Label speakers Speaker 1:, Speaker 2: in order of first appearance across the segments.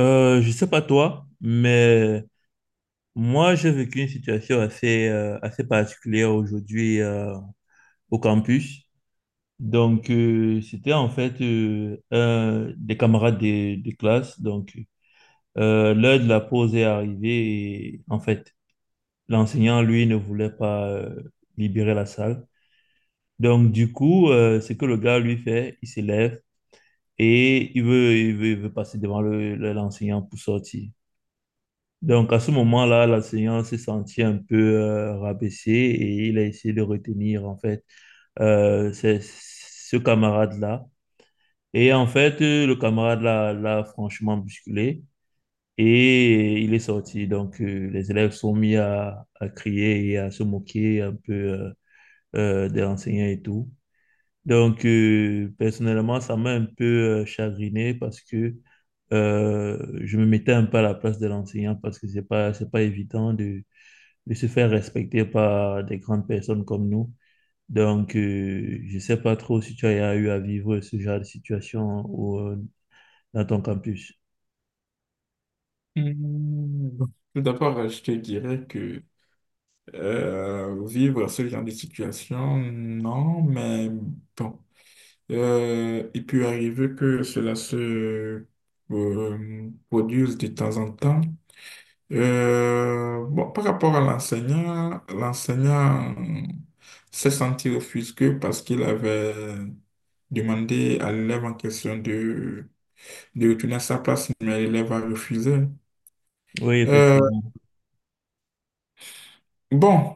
Speaker 1: Je sais pas toi, mais moi j'ai vécu une situation assez, assez particulière aujourd'hui au campus. Donc c'était en fait un des camarades de classe. Donc l'heure de la pause est arrivée et en fait l'enseignant lui ne voulait pas libérer la salle. Donc du coup ce que le gars lui fait, il s'élève et il veut passer devant l'enseignant pour sortir. Donc, à ce moment-là, l'enseignant s'est senti un peu rabaissé et il a essayé de retenir, en fait, ce camarade-là. Et en fait, le camarade l'a franchement bousculé et il est sorti. Donc, les élèves sont mis à crier et à se moquer un peu de l'enseignant et tout. Donc, personnellement, ça m'a un peu chagriné parce que je me mettais un peu à la place de l'enseignant parce que c'est pas évident de se faire respecter par des grandes personnes comme nous. Donc, je ne sais pas trop si tu as eu à vivre ce genre de situation dans ton campus.
Speaker 2: Hmm, tout d'abord, je te dirais que vivre ce genre de situation, non, mais bon, il peut arriver que cela se produise de temps en temps. Bon, par rapport à l'enseignant, l'enseignant s'est senti offusqué parce qu'il avait demandé à l'élève en question de retourner à sa place, mais l'élève a refusé.
Speaker 1: Oui,
Speaker 2: Euh,
Speaker 1: effectivement.
Speaker 2: bon.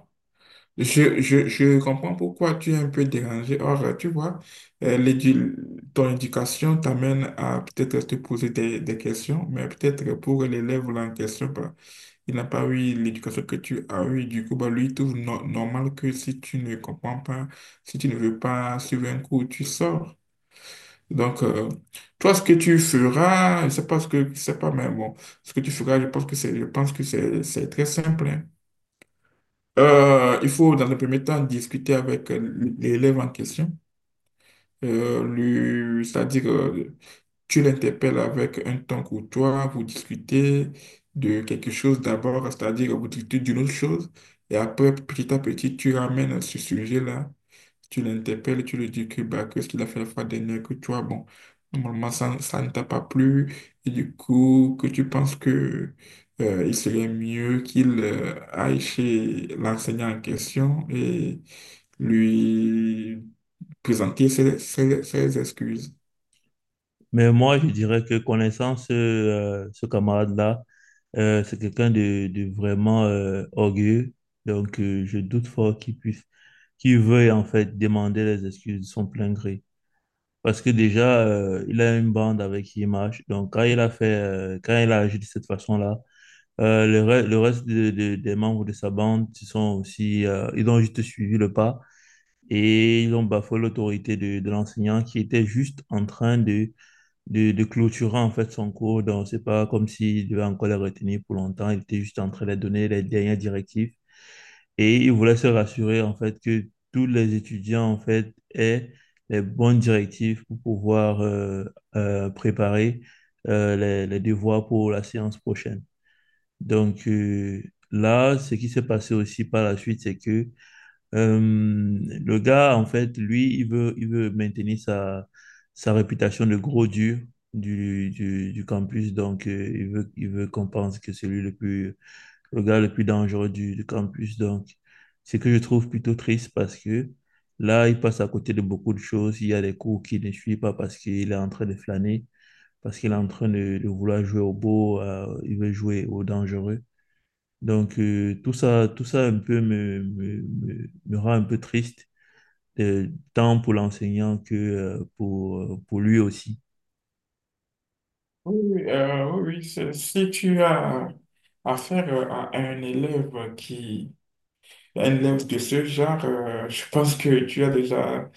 Speaker 2: Je comprends pourquoi tu es un peu dérangé. Or, tu vois, euh, l'édu- ton éducation t'amène à peut-être te poser des questions, mais peut-être pour l'élève là en question, bah, il n'a pas eu l'éducation que tu as eue. Du coup, bah, lui, il trouve normal que si tu ne comprends pas, si tu ne veux pas suivre un cours, tu sors. Donc, toi, ce que tu feras, je sais pas, mais bon, ce que tu feras, je pense que c'est très simple, hein. Il faut, dans le premier temps, discuter avec l'élève en question. Lui, c'est-à-dire, tu l'interpelles avec un ton courtois, vous discutez de quelque chose d'abord, c'est-à-dire, vous discutez d'une autre chose, et après, petit à petit, tu ramènes ce sujet-là. Tu l'interpelles, tu lui dis que bah, que ce qu'il a fait la fois dernière, que toi, bon, normalement, ça ne t'a pas plu, et du coup, que tu penses que il serait mieux qu'il aille chez l'enseignant en question et lui présenter ses excuses.
Speaker 1: Mais moi, je dirais que connaissant ce camarade-là, c'est quelqu'un de vraiment orgueilleux. Donc, je doute fort qu'il puisse, qu'il veuille en fait demander les excuses de son plein gré. Parce que déjà, il a une bande avec qui il marche. Donc, quand il a fait, quand il a agi de cette façon-là, le reste des membres de sa bande, ils sont aussi, ils ont juste suivi le pas et ils ont bafoué l'autorité de l'enseignant qui était juste en train de clôturer en fait son cours. Donc, c'est pas comme s'il devait encore les retenir pour longtemps. Il était juste en train de donner les dernières directives et il voulait se rassurer en fait que tous les étudiants en fait aient les bonnes directives pour pouvoir préparer les devoirs pour la séance prochaine. Donc là, ce qui s'est passé aussi par la suite, c'est que le gars, en fait, lui, il veut maintenir sa, sa réputation de gros dur du campus. Donc, il veut qu'on pense que c'est lui le plus, le gars le plus dangereux du campus. Donc, ce que je trouve plutôt triste parce que là, il passe à côté de beaucoup de choses. Il y a des cours qu'il ne suit pas parce qu'il est en train de flâner, parce qu'il est en train de vouloir jouer au beau, il veut jouer au dangereux. Donc, tout ça un peu me rend un peu triste, euh, tant pour l'enseignant que pour lui aussi.
Speaker 2: Oui, si tu as affaire à un élève qui un œuvre de ce genre, je pense que tu as déjà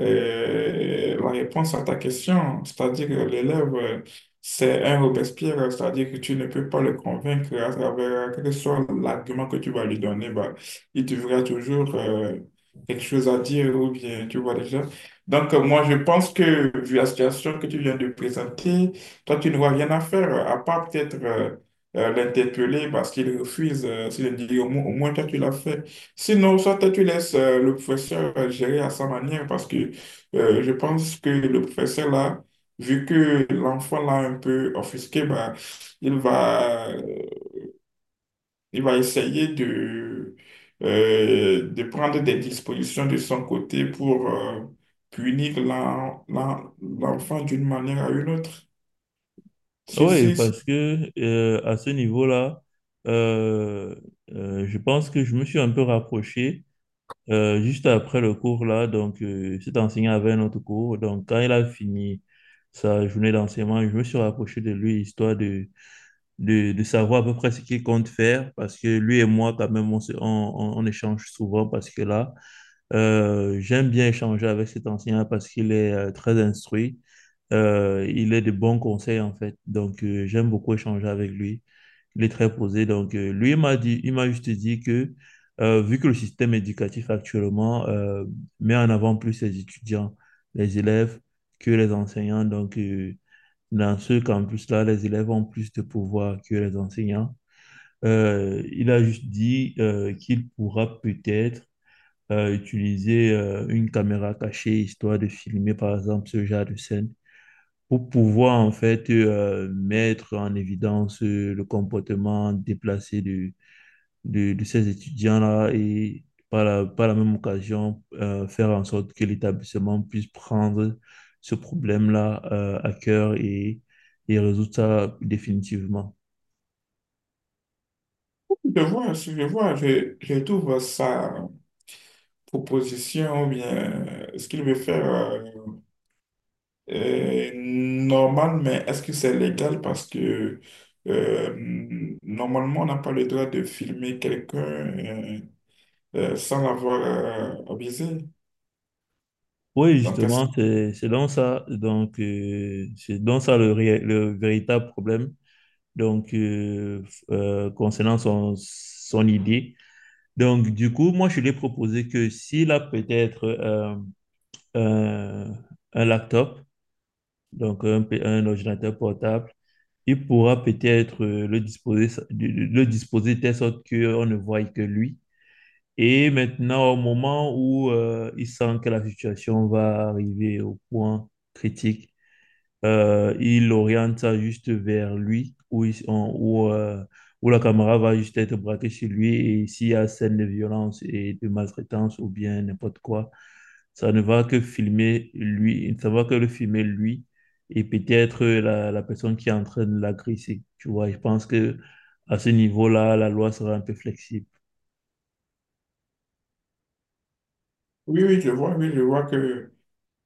Speaker 2: la réponse à ta question. C'est-à-dire que l'élève, c'est un Robespierre, c'est-à-dire que tu ne peux pas le convaincre à travers quel que soit l'argument que tu vas lui donner. Bah, il trouvera toujours quelque chose à dire ou bien, tu vois déjà. Donc, moi, je pense que vu la situation que tu viens de présenter, toi, tu n'auras rien à faire, à part peut-être l'interpeller parce qu'il refuse, s'il dit au moins toi tu l'as fait. Sinon, soit tu laisses le professeur gérer à sa manière parce que je pense que le professeur là, vu que l'enfant l'a un peu offusqué, bah, il va, euh, il va essayer de prendre des dispositions de son côté pour punir l'enfant d'une manière à une autre. Si,
Speaker 1: Oui,
Speaker 2: si, si,
Speaker 1: parce que à ce niveau-là, euh, je pense que je me suis un peu rapproché juste après le cours là. Donc, cet enseignant avait un autre cours. Donc, quand il a fini sa journée d'enseignement, je me suis rapproché de lui histoire de de savoir à peu près ce qu'il compte faire, parce que lui et moi, quand même, on, se- on échange souvent, parce que là, j'aime bien échanger avec cet ancien parce qu'il est très instruit. Il est de bons conseils, en fait, donc j'aime beaucoup échanger avec lui, il est très posé, donc lui, il m'a juste dit que, vu que le système éducatif actuellement met en avant plus les étudiants, les élèves, que les enseignants, donc dans ce campus-là, les élèves ont plus de pouvoir que les enseignants. Il a juste dit qu'il pourra peut-être utiliser une caméra cachée, histoire de filmer par exemple ce genre de scène, pour pouvoir en fait mettre en évidence le comportement déplacé de ces étudiants-là et par la même occasion faire en sorte que l'établissement puisse prendre ce problème-là à cœur et résoudre ça définitivement.
Speaker 2: je vois, si je vois, je trouve sa proposition ou bien ce qu'il veut faire. Euh, normal, mais est-ce que c'est légal? Parce que euh, normalement, on n'a pas le droit de filmer quelqu'un sans l'avoir avisé.
Speaker 1: Oui,
Speaker 2: Donc, est-ce-
Speaker 1: justement, c'est donc ça, donc c'est donc ça le véritable problème. Donc concernant son idée. Donc du coup, moi je lui ai proposé que s'il a peut-être un, un laptop, donc un ordinateur portable, il pourra peut-être le disposer de telle sorte qu'on ne voie que lui. Et maintenant, au moment où il sent que la situation va arriver au point critique il oriente ça juste vers lui, où, il- on- où, où la caméra va juste être braquée chez lui. Et s'il y a scène de violence et de maltraitance ou bien n'importe quoi, ça ne va que filmer lui, ça va que le filmer lui et peut-être la personne qui est en train de l'agresser. Tu vois, je pense que à ce niveau-là, la loi sera un peu flexible.
Speaker 2: oui, oui, je vois que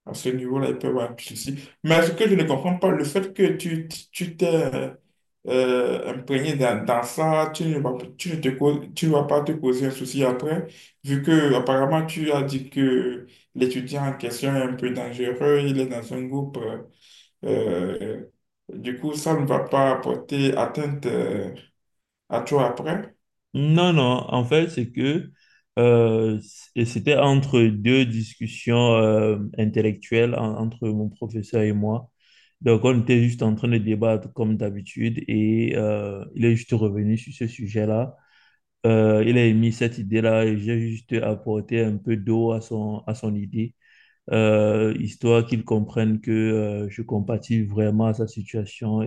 Speaker 2: à ce niveau-là, il peut y avoir un souci. Mais ce que je ne comprends pas, le fait que tu t'es imprégné dans ça, tu ne vas pas te causer un souci après, vu que apparemment tu as dit que l'étudiant en question est un peu dangereux, il est dans un groupe. Euh, du coup, ça ne va pas porter atteinte à toi après.
Speaker 1: Non, non, en fait, c'est que c'était entre deux discussions intellectuelles entre mon professeur et moi. Donc, on était juste en train de débattre comme d'habitude et il est juste revenu sur ce sujet-là. Il a émis cette idée-là et j'ai juste apporté un peu d'eau à son idée, histoire qu'il comprenne que je compatis vraiment à sa situation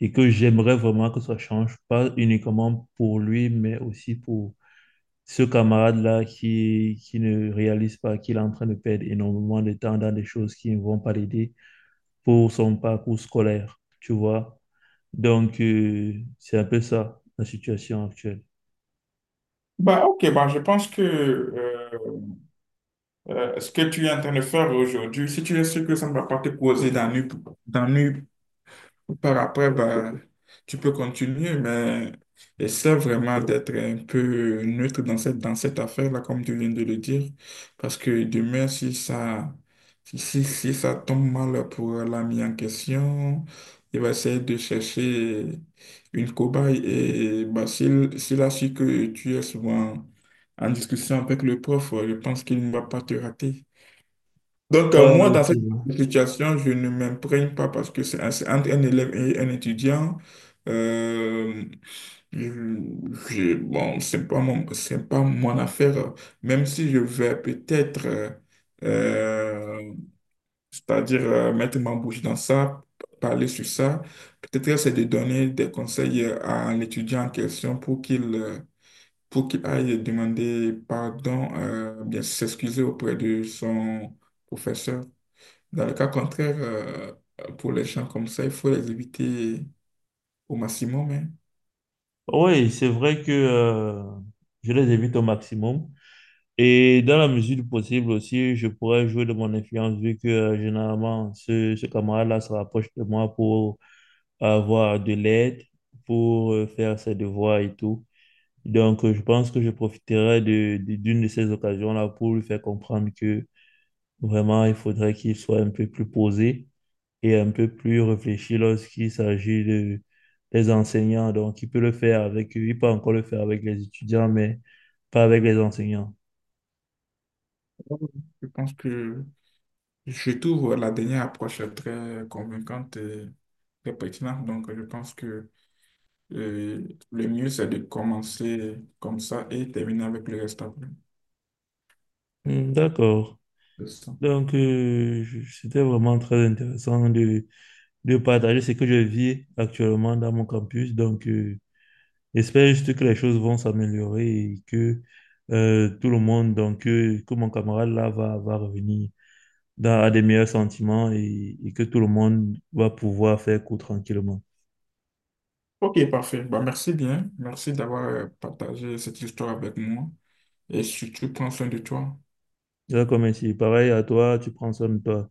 Speaker 1: et que j'aimerais vraiment que ça change, pas uniquement pour lui, mais aussi pour ce camarade-là qui ne réalise pas qu'il est en train de perdre énormément de temps dans des choses qui ne vont pas l'aider pour son parcours scolaire, tu vois. Donc, c'est un peu ça, la situation actuelle.
Speaker 2: Bah, ok, bah, je pense que ce que tu es en train de faire aujourd'hui, si tu es sûr que ça ne va pas te causer d'ennui par après, bah, tu peux continuer, mais essaie vraiment d'être un peu neutre dans dans cette affaire-là, comme tu viens de le dire. Parce que demain, si ça tombe mal pour l'ami en question, il va essayer de chercher une cobaye. Et bah, s'il a su que tu es souvent en discussion avec le prof, je pense qu'il ne va pas te rater. Donc, moi, dans
Speaker 1: C'est
Speaker 2: cette
Speaker 1: vrai.
Speaker 2: situation, je ne m'imprègne pas parce que c'est entre un élève et un étudiant. Euh, je- bon, c'est pas mon affaire, même si je vais peut-être, euh, c'est-à-dire mettre ma bouche dans ça, parler sur ça. Peut-être que c'est de donner des conseils à l'étudiant en question pour qu'il aille demander pardon, bien s'excuser auprès de son professeur. Dans le cas contraire, pour les gens comme ça, il faut les éviter au maximum, hein.
Speaker 1: Oui, c'est vrai que je les évite au maximum. Et dans la mesure du possible aussi, je pourrais jouer de mon influence vu que généralement ce camarade-là se rapproche de moi pour avoir de l'aide pour faire ses devoirs et tout. Donc, je pense que je profiterai d'une de ces occasions-là pour lui faire comprendre que vraiment, il faudrait qu'il soit un peu plus posé et un peu plus réfléchi lorsqu'il s'agit des enseignants. Donc, il peut le faire avec eux, il peut encore le faire avec les étudiants, mais pas avec les enseignants.
Speaker 2: Je pense que je trouve la dernière approche très convaincante et très pertinente. Donc, je pense que le mieux, c'est de commencer comme ça et terminer avec le reste après.
Speaker 1: Hmm, d'accord.
Speaker 2: C'est ça.
Speaker 1: Donc, c'était vraiment très intéressant de partager ce que je vis actuellement dans mon campus. Donc, j'espère juste que les choses vont s'améliorer et que tout le monde, donc que mon camarade là va revenir dans, à des meilleurs sentiments et que tout le monde va pouvoir faire court tranquillement.
Speaker 2: Ok, parfait. Bah, merci bien. Merci d'avoir partagé cette histoire avec moi. Et surtout, prends soin de toi.
Speaker 1: D'accord, merci. Pareil à toi, tu prends soin de toi.